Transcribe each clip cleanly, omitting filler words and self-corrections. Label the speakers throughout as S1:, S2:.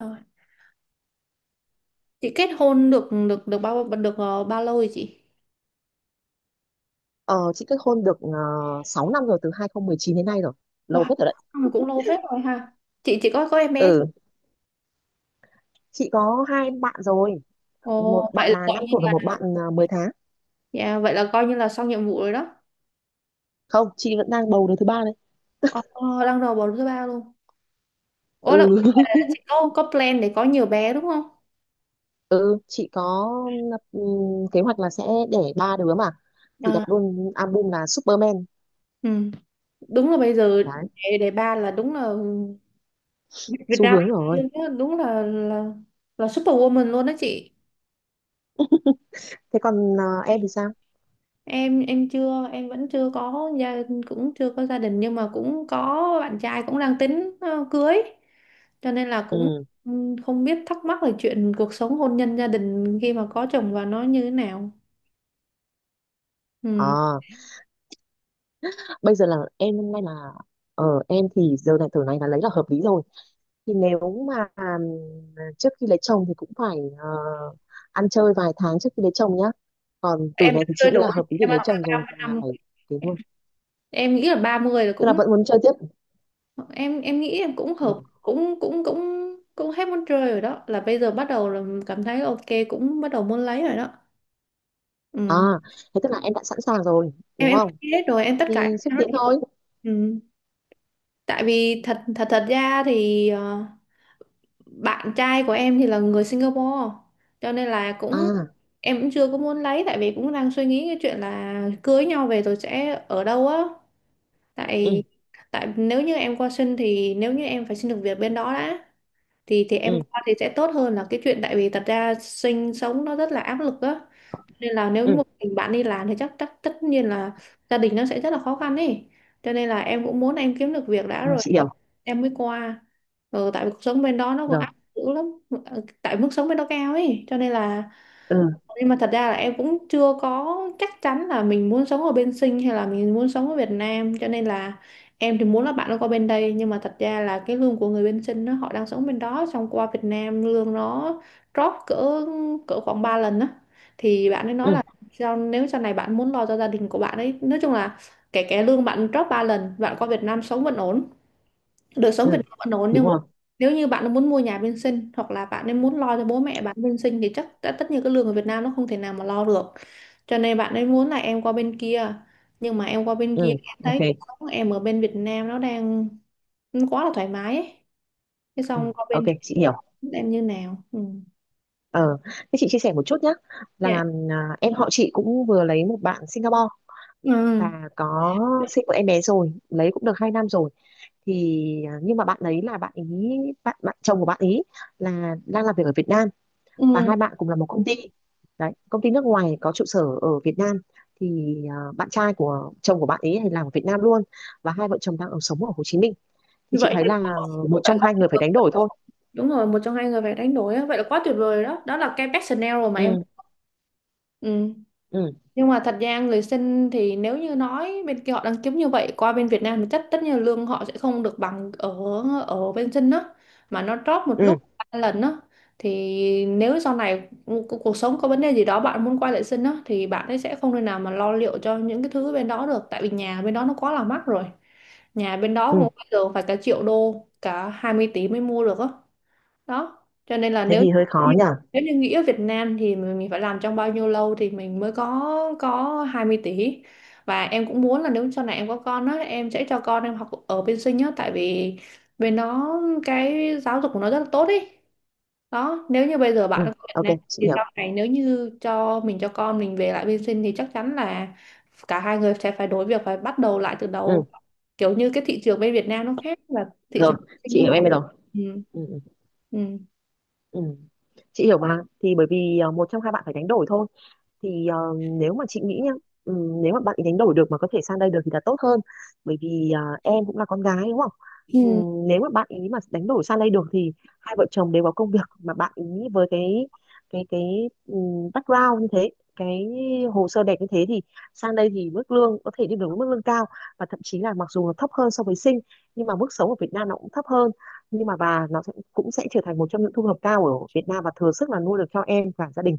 S1: Rồi. Chị kết hôn được được được bao được ờ, bao lâu rồi chị?
S2: Ờ, chị kết hôn được 6 năm rồi, từ 2019 đến nay rồi, lâu
S1: Wow,
S2: phết rồi đấy.
S1: cũng lâu phết rồi ha. Chị có em bé chưa?
S2: Ừ, chị có 2 bạn rồi,
S1: Ồ,
S2: một bạn
S1: vậy là
S2: là
S1: gọi
S2: 5
S1: như
S2: tuổi và
S1: là.
S2: một bạn 10 tháng.
S1: Dạ, vậy là coi như là xong nhiệm vụ rồi đó.
S2: Không, chị vẫn đang bầu đứa thứ ba đấy.
S1: Ồ, đang đầu bầu thứ ba luôn. Ủa là,
S2: Ừ
S1: là chị có plan để có nhiều bé đúng không?
S2: ừ, chị có kế hoạch là sẽ đẻ 3 đứa mà, thì đặt
S1: À,
S2: luôn album là Superman.
S1: ừ. Đúng là bây giờ
S2: Đấy,
S1: để ba là đúng là Việt Việt
S2: xu
S1: Nam
S2: hướng rồi.
S1: đúng là superwoman luôn đó chị.
S2: Thế còn em thì sao?
S1: Em chưa em vẫn chưa có gia, cũng chưa có gia đình nhưng mà cũng có bạn trai, cũng đang tính cưới, cho nên là cũng
S2: Ừ.
S1: ừ, không biết, thắc mắc về chuyện cuộc sống hôn nhân gia đình khi mà có chồng và nó như thế nào. Ừ.
S2: à, Bây giờ là em, hôm nay là em thì giờ này, tuổi này là lấy là hợp lý rồi. Thì nếu mà trước khi lấy chồng thì cũng phải ăn chơi vài tháng trước khi lấy chồng nhá. Còn tuổi
S1: Em
S2: này
S1: đã
S2: thì chị
S1: chưa
S2: nghĩ
S1: đủ,
S2: là hợp lý để
S1: em đã
S2: lấy
S1: từ
S2: chồng rồi,
S1: 30
S2: và
S1: năm,
S2: phải thế luôn.
S1: em nghĩ là 30 là
S2: Tức là
S1: cũng
S2: vẫn muốn chơi tiếp.
S1: em nghĩ em cũng hợp
S2: Ừ.
S1: cũng cũng hết muốn chơi rồi đó, là bây giờ bắt đầu là cảm thấy ok, cũng bắt đầu muốn lấy rồi đó.
S2: À,
S1: Ừ.
S2: thế tức là em đã sẵn sàng rồi
S1: em
S2: đúng
S1: em
S2: không?
S1: hết rồi, em tất
S2: Thì
S1: cả
S2: xúc
S1: em nói-
S2: tiến thôi.
S1: ừ. Tại vì thật thật thật ra thì bạn trai của em thì là người Singapore, cho nên là cũng
S2: À.
S1: em cũng chưa có muốn lấy, tại vì cũng đang suy nghĩ cái chuyện là cưới nhau về rồi sẽ ở đâu á. Tại,
S2: Ừ.
S1: tại nếu như em qua sinh thì nếu như em phải xin được việc bên đó đã, thì em
S2: Ừ.
S1: qua thì sẽ tốt hơn là cái chuyện, tại vì thật ra sinh sống nó rất là áp lực á, nên là nếu
S2: Ừ.
S1: một mình bạn đi làm thì chắc chắc tất nhiên là gia đình nó sẽ rất là khó khăn ấy. Cho nên là em cũng muốn em kiếm được việc đã
S2: Rồi,
S1: rồi
S2: chị
S1: em
S2: hiểu
S1: em mới qua. Ừ, tại vì cuộc sống bên đó nó còn
S2: rồi.
S1: áp lực dữ lắm. Ờ, tại mức sống bên đó cao ấy, cho nên là
S2: Ừ.
S1: nhưng mà thật ra là em cũng chưa có chắc chắn là mình muốn sống ở bên Sinh hay là mình muốn sống ở Việt Nam, cho nên là em thì muốn là bạn nó qua bên đây. Nhưng mà thật ra là cái lương của người bên Sinh, nó họ đang sống bên đó xong qua Việt Nam lương nó drop cỡ cỡ khoảng 3 lần á. Thì bạn ấy
S2: Ừ.
S1: nói là sao nếu sau này bạn muốn lo cho gia đình của bạn ấy, nói chung là kể cả lương bạn drop 3 lần, bạn qua Việt Nam sống vẫn ổn, đời
S2: Ừ,
S1: sống Việt Nam vẫn ổn. Nhưng
S2: đúng
S1: mà
S2: rồi.
S1: nếu như bạn muốn mua nhà bên sinh hoặc là bạn ấy muốn lo cho bố mẹ bạn bên sinh thì chắc đã tất nhiên cái lương ở Việt Nam nó không thể nào mà lo được. Cho nên bạn ấy muốn là em qua bên kia, nhưng mà em qua bên kia
S2: Ừ.
S1: em
S2: Ok.
S1: thấy cuộc sống em ở bên Việt Nam nó đang nó quá là thoải mái ấy, thế
S2: Ừ.
S1: xong qua
S2: Ok,
S1: bên
S2: chị
S1: kia
S2: hiểu.
S1: em như nào. Ừ.
S2: Ờ, thế chị chia sẻ một chút nhé,
S1: Dạ.
S2: là em họ chị cũng vừa lấy một bạn Singapore,
S1: Ừ.
S2: và có sinh một em bé rồi, lấy cũng được 2 năm rồi. Thì nhưng mà bạn ấy là bạn chồng của bạn ấy là đang làm việc ở Việt Nam, và
S1: Ừ.
S2: hai bạn cùng là một công ty. Đấy, công ty nước ngoài có trụ sở ở Việt Nam. Thì bạn trai của chồng của bạn ấy thì làm ở Việt Nam luôn, và hai vợ chồng đang ở sống ở Hồ Chí Minh. Thì
S1: Như
S2: chị
S1: vậy
S2: thấy
S1: thì
S2: là một
S1: phải
S2: trong
S1: quá
S2: hai
S1: tuyệt
S2: người phải
S1: vời.
S2: đánh đổi thôi.
S1: Đúng rồi, một trong hai người phải đánh đổi á. Vậy là quá tuyệt vời rồi đó, đó là cái best scenario mà em
S2: Ừ.
S1: ừ.
S2: Ừ.
S1: Nhưng mà thật ra người sinh thì nếu như nói bên kia họ đang kiếm như vậy qua bên Việt Nam thì chắc tất nhiên lương họ sẽ không được bằng ở ở bên sinh đó, mà nó drop một
S2: Ừ.
S1: lúc 3 lần đó. Thì nếu sau này cuộc sống có vấn đề gì đó bạn muốn quay lại sinh đó thì bạn ấy sẽ không thể nào mà lo liệu cho những cái thứ bên đó được, tại vì nhà bên đó nó quá là mắc rồi. Nhà bên đó
S2: Ừ,
S1: cũng bây giờ phải cả triệu đô, cả 20 tỷ mới mua được á. Đó, cho nên là
S2: thế
S1: nếu
S2: thì hơi khó nhỉ.
S1: nếu như nghĩ ở Việt Nam thì mình phải làm trong bao nhiêu lâu thì mình mới có 20 tỷ. Và em cũng muốn là nếu sau này em có con á em sẽ cho con em học ở bên Sinh á, tại vì bên nó cái giáo dục của nó rất là tốt ấy. Đó, nếu như bây giờ
S2: Ừ,
S1: bạn ở Việt
S2: ok
S1: Nam
S2: chị
S1: thì
S2: hiểu.
S1: sau này nếu như cho mình cho con mình về lại bên Sinh thì chắc chắn là cả hai người sẽ phải đối việc phải bắt đầu lại từ
S2: Ừ,
S1: đầu, kiểu như cái thị trường bên Việt Nam nó khác và thị
S2: rồi
S1: trường Sinh
S2: chị
S1: nó
S2: hiểu
S1: khác.
S2: em rồi.
S1: Ừ.
S2: Ừ.
S1: Ừ.
S2: Ừ. Chị hiểu mà, thì bởi vì một trong hai bạn phải đánh đổi thôi. Thì nếu mà chị nghĩ nhá, ừ, nếu mà bạn ấy đánh đổi được mà có thể sang đây được thì là tốt hơn. Bởi vì em cũng là con gái đúng không? Ừ,
S1: Ừ.
S2: nếu mà bạn ý mà đánh đổi sang đây được thì hai vợ chồng đều có công việc, mà bạn ý với cái ừ, background như thế, cái hồ sơ đẹp như thế thì sang đây thì mức lương có thể đi được với mức lương cao. Và thậm chí là mặc dù nó thấp hơn so với Sinh, nhưng mà mức sống ở Việt Nam nó cũng thấp hơn, nhưng mà và nó sẽ, cũng sẽ trở thành một trong những thu nhập cao ở Việt Nam, và thừa sức là nuôi được cho em và gia đình.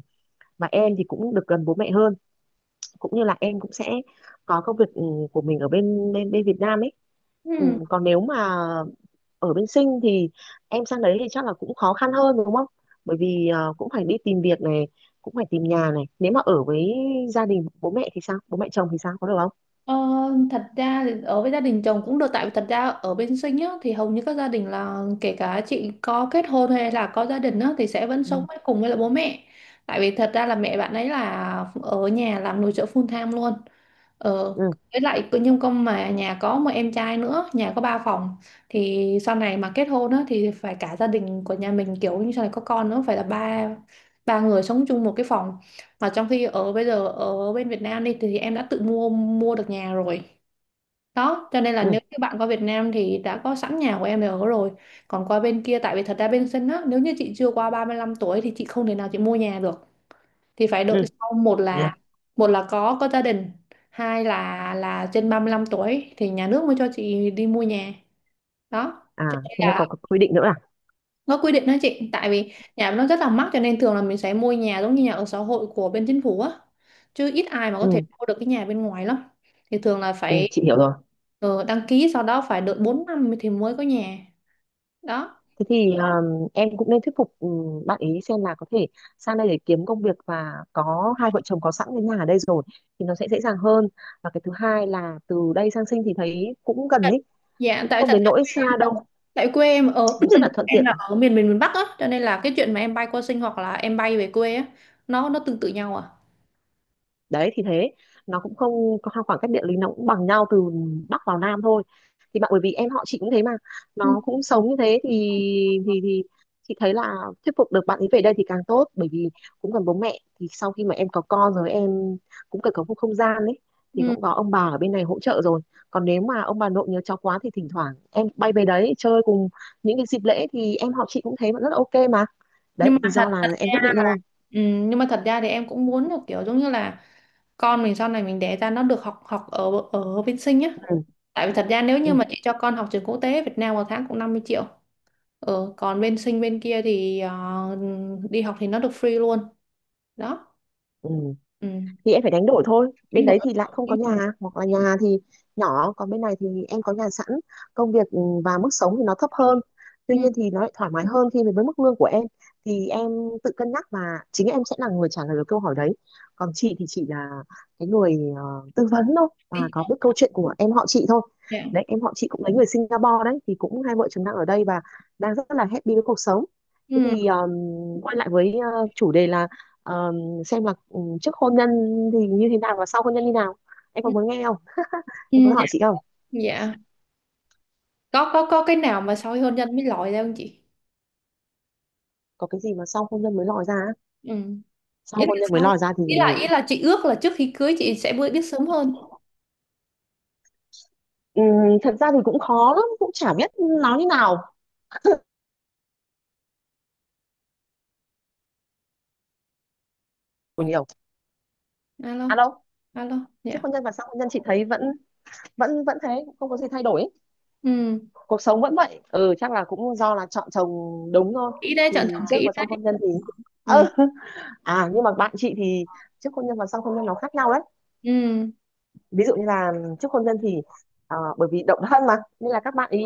S2: Và em thì cũng được gần bố mẹ hơn, cũng như là em cũng sẽ có công việc của mình ở bên bên bên Việt Nam ấy. Ừ,
S1: Ừ.
S2: còn nếu mà ở bên Sinh thì em sang đấy thì chắc là cũng khó khăn hơn đúng không? Bởi vì cũng phải đi tìm việc này, cũng phải tìm nhà này. Nếu mà ở với gia đình bố mẹ thì sao, bố mẹ chồng thì sao, có được không?
S1: Ờ, thật ra thì ở với gia đình chồng cũng được, tại vì thật ra ở bên Sinh á, thì hầu như các gia đình là kể cả chị có kết hôn hay là có gia đình á, thì sẽ vẫn
S2: Ừ.
S1: sống với cùng với lại bố mẹ. Tại vì thật ra là mẹ bạn ấy là ở nhà làm nội trợ full time luôn. Ờ,
S2: Ừ.
S1: với lại nhưng con mà nhà có một em trai nữa, nhà có ba phòng, thì sau này mà kết hôn á thì phải cả gia đình của nhà mình, kiểu như sau này có con nữa phải là ba ba người sống chung một cái phòng. Mà trong khi ở bây giờ ở bên Việt Nam đi thì em đã tự mua mua được nhà rồi. Đó, cho nên là
S2: Ừ.
S1: nếu như bạn qua Việt Nam thì đã có sẵn nhà của em để ở rồi. Còn qua bên kia, tại vì thật ra bên sân á, nếu như chị chưa qua 35 tuổi thì chị không thể nào chị mua nhà được, thì phải đợi
S2: Ừ.
S1: sau,
S2: Nha.
S1: một là có gia đình, hai là trên 35 tuổi thì nhà nước mới cho chị đi mua nhà đó.
S2: À,
S1: Cho nên
S2: thế là có
S1: là
S2: quy định nữa à?
S1: nó quy định đó chị, tại vì nhà nó rất là mắc, cho nên thường là mình sẽ mua nhà giống như nhà ở xã hội của bên chính phủ á, chứ ít ai mà có thể
S2: Ừ.
S1: mua được cái nhà bên ngoài lắm. Thì thường là
S2: Ừ,
S1: phải
S2: chị hiểu rồi.
S1: đăng ký, sau đó phải đợi 4 năm thì mới có nhà đó.
S2: Thế thì em cũng nên thuyết phục bạn ý xem là có thể sang đây để kiếm công việc, và có hai vợ chồng có sẵn cái nhà ở đây rồi thì nó sẽ dễ dàng hơn. Và cái thứ hai là từ đây sang Sinh thì thấy cũng gần ấy,
S1: Dạ
S2: cũng
S1: tại
S2: không
S1: thật,
S2: đến nỗi xa đâu,
S1: tại quê em ở
S2: nó rất là thuận
S1: em là
S2: tiện.
S1: ở miền miền miền Bắc á, cho nên là cái chuyện mà em bay qua Sinh hoặc là em bay về quê á, nó tương tự nhau à.
S2: Đấy thì thế, nó cũng không có khoảng cách địa lý, nó cũng bằng nhau, từ bắc vào nam thôi. Thì bạn, bởi vì em họ chị cũng thế mà,
S1: Ừ.
S2: nó cũng sống như thế thì, thì thì chị thấy là thuyết phục được bạn ấy về đây thì càng tốt. Bởi vì cũng gần bố mẹ, thì sau khi mà em có con rồi em cũng cần có một không gian ấy, thì
S1: Ừ.
S2: cũng có ông bà ở bên này hỗ trợ rồi. Còn nếu mà ông bà nội nhớ cháu quá thì thỉnh thoảng em bay về đấy chơi cùng những cái dịp lễ. Thì em họ chị cũng thấy vẫn rất là ok mà. Đấy,
S1: Nhưng
S2: thì
S1: mà thật
S2: do là
S1: thật
S2: em
S1: ra,
S2: quyết định thôi.
S1: ừ, nhưng mà thật ra thì em cũng muốn là kiểu giống như là con mình sau này mình đẻ ra nó được học học ở ở bên Sinh nhá.
S2: ừ,
S1: Tại vì thật ra nếu như
S2: ừ,
S1: mà chị cho con học trường quốc tế Việt Nam một tháng cũng 50 triệu. Ừ, còn bên Sinh bên kia thì đi học thì nó được free luôn. Đó.
S2: ừ.
S1: Ừ.
S2: Thì em phải đánh đổi thôi, bên
S1: Anh đổi
S2: đấy thì lại
S1: học
S2: không có
S1: đi.
S2: nhà, hoặc là nhà thì nhỏ. Còn bên này thì em có nhà sẵn, công việc, và mức sống thì nó thấp hơn, tuy
S1: Ừ.
S2: nhiên thì nó lại thoải mái hơn khi mà với mức lương của em. Thì em tự cân nhắc, và chính em sẽ là người trả lời được câu hỏi đấy. Còn chị thì chị là cái người tư vấn thôi, và
S1: Đi.
S2: có biết câu chuyện của em họ chị thôi.
S1: Dạ.
S2: Đấy, em họ chị cũng lấy người Singapore đấy, thì cũng hai vợ chồng đang ở đây và đang rất là happy với cuộc sống. Thế
S1: Ừ.
S2: thì quay lại với chủ đề là ờ, xem là trước hôn nhân thì như thế nào và sau hôn nhân như nào. Em có
S1: Ừ.
S2: muốn nghe không? Em có
S1: Dạ.
S2: hỏi chị không?
S1: Dạ. Có có cái nào mà sau khi hôn nhân mới lòi ra không chị?
S2: Có cái gì mà sau hôn nhân mới lòi ra á?
S1: Ừ, ý
S2: Sau
S1: là
S2: hôn nhân mới
S1: sau,
S2: lòi ra thì
S1: ý là chị ước là trước khi cưới chị sẽ biết biết sớm hơn.
S2: ừm, thật ra thì cũng khó lắm, cũng chả biết nói như nào. Của nhiều.
S1: Alo?
S2: À đâu.
S1: Alo,
S2: Trước
S1: dạ.
S2: hôn nhân và sau hôn nhân chị thấy vẫn vẫn vẫn thế, cũng không có gì thay đổi ấy.
S1: Ừ
S2: Cuộc sống vẫn vậy, ừ chắc là cũng do là chọn chồng đúng thôi.
S1: kỹ đấy, chọn chọn
S2: Thì trước
S1: kỹ
S2: và sau
S1: đấy.
S2: hôn nhân thì
S1: Ừ.
S2: ừ. À nhưng mà bạn chị thì trước hôn nhân và sau hôn nhân nó khác nhau đấy.
S1: Ừ
S2: Ví dụ như là trước hôn nhân thì bởi vì độc thân mà nên là các bạn ý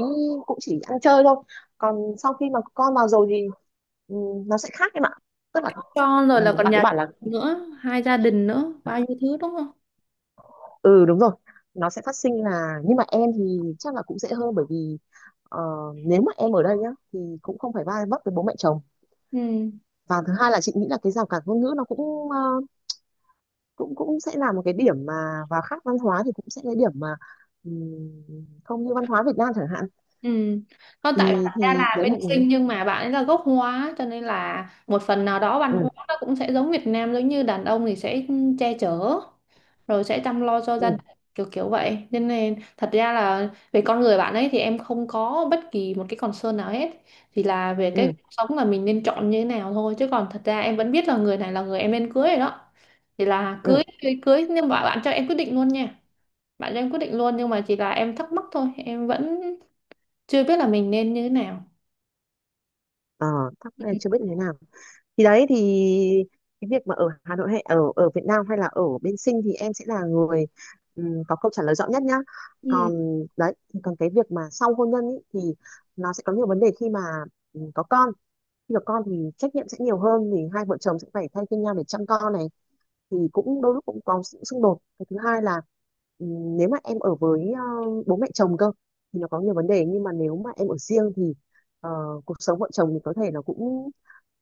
S2: cũng chỉ ăn chơi thôi. Còn sau khi mà con vào rồi thì ừ, nó sẽ khác em ạ. Tức là
S1: cho rồi, là còn
S2: bạn ấy
S1: nhà
S2: bảo là,
S1: nữa, hai gia đình nữa, bao nhiêu thứ đúng không?
S2: ừ đúng rồi, nó sẽ phát sinh. Là nhưng mà em thì chắc là cũng dễ hơn, bởi vì ờ, nếu mà em ở đây nhá thì cũng không phải va vấp với bố mẹ chồng.
S1: Ừ.
S2: Và thứ hai là chị nghĩ là cái rào cản ngôn ngữ nó cũng cũng cũng sẽ là một cái điểm mà, và khác văn hóa thì cũng sẽ là cái điểm mà ừm, không như văn hóa Việt Nam chẳng hạn.
S1: Ừ. Không, tại thật
S2: Thì
S1: ra là
S2: đấy
S1: bên
S2: là ừ.
S1: Sinh nhưng mà bạn ấy là gốc Hóa, cho nên là một phần nào đó văn
S2: Ừ.
S1: hóa nó cũng sẽ giống Việt Nam, giống như đàn ông thì sẽ che chở rồi sẽ chăm lo cho gia
S2: Ừ.
S1: đình, kiểu kiểu vậy nên, nên thật ra là về con người bạn ấy thì em không có bất kỳ một cái concern nào hết. Thì là về cái
S2: ừ,
S1: cuộc sống là mình nên chọn như thế nào thôi, chứ còn thật ra em vẫn biết là người này là người em nên cưới rồi đó. Thì là
S2: ừ.
S1: cưới cưới cưới nhưng mà bạn cho em quyết định luôn nha, bạn cho em quyết định luôn, nhưng mà chỉ là em thắc mắc thôi, em vẫn chưa biết là mình nên như thế nào.
S2: Ờ, thắc mắc là chưa biết như thế nào. Thì đấy thì cái việc mà ở Hà Nội hay ở ở Việt Nam hay là ở bên Sinh thì em sẽ là người có câu trả lời rõ nhất nhá.
S1: Ừ.
S2: Còn đấy, còn cái việc mà sau hôn nhân ý, thì nó sẽ có nhiều vấn đề khi mà có con. Khi có con thì trách nhiệm sẽ nhiều hơn, thì hai vợ chồng sẽ phải thay phiên nhau để chăm con này, thì cũng đôi lúc cũng có sự xung đột. Cái thứ hai là nếu mà em ở với bố mẹ chồng cơ thì nó có nhiều vấn đề. Nhưng mà nếu mà em ở riêng thì ờ, cuộc sống vợ chồng thì có thể nó cũng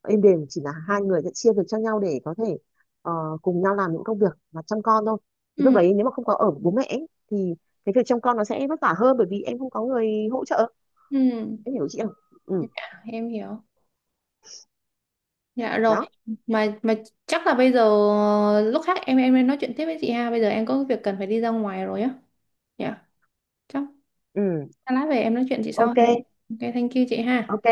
S2: êm đềm, chỉ là hai người sẽ chia việc cho nhau để có thể ờ, cùng nhau làm những công việc và chăm con thôi. Thì lúc
S1: Ừ.
S2: đấy nếu mà không có ở với bố mẹ ấy, thì cái việc chăm con nó sẽ vất vả hơn, bởi vì em không có người hỗ trợ.
S1: Ừ.
S2: Em hiểu chị không? Ừ.
S1: Dạ, em hiểu. Dạ rồi.
S2: Đó.
S1: Mà chắc là bây giờ lúc khác em nên nói chuyện tiếp với chị ha, bây giờ em có việc cần phải đi ra ngoài rồi á. Dạ. Chắc
S2: Ừ.
S1: lát về em nói chuyện chị sau.
S2: Ok.
S1: Ok, thank you chị ha.
S2: Ok.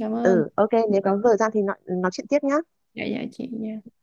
S1: Cảm ơn.
S2: Ừ, ok, nếu có thời gian thì nói chuyện tiếp nhá.
S1: Dạ dạ chị dạ.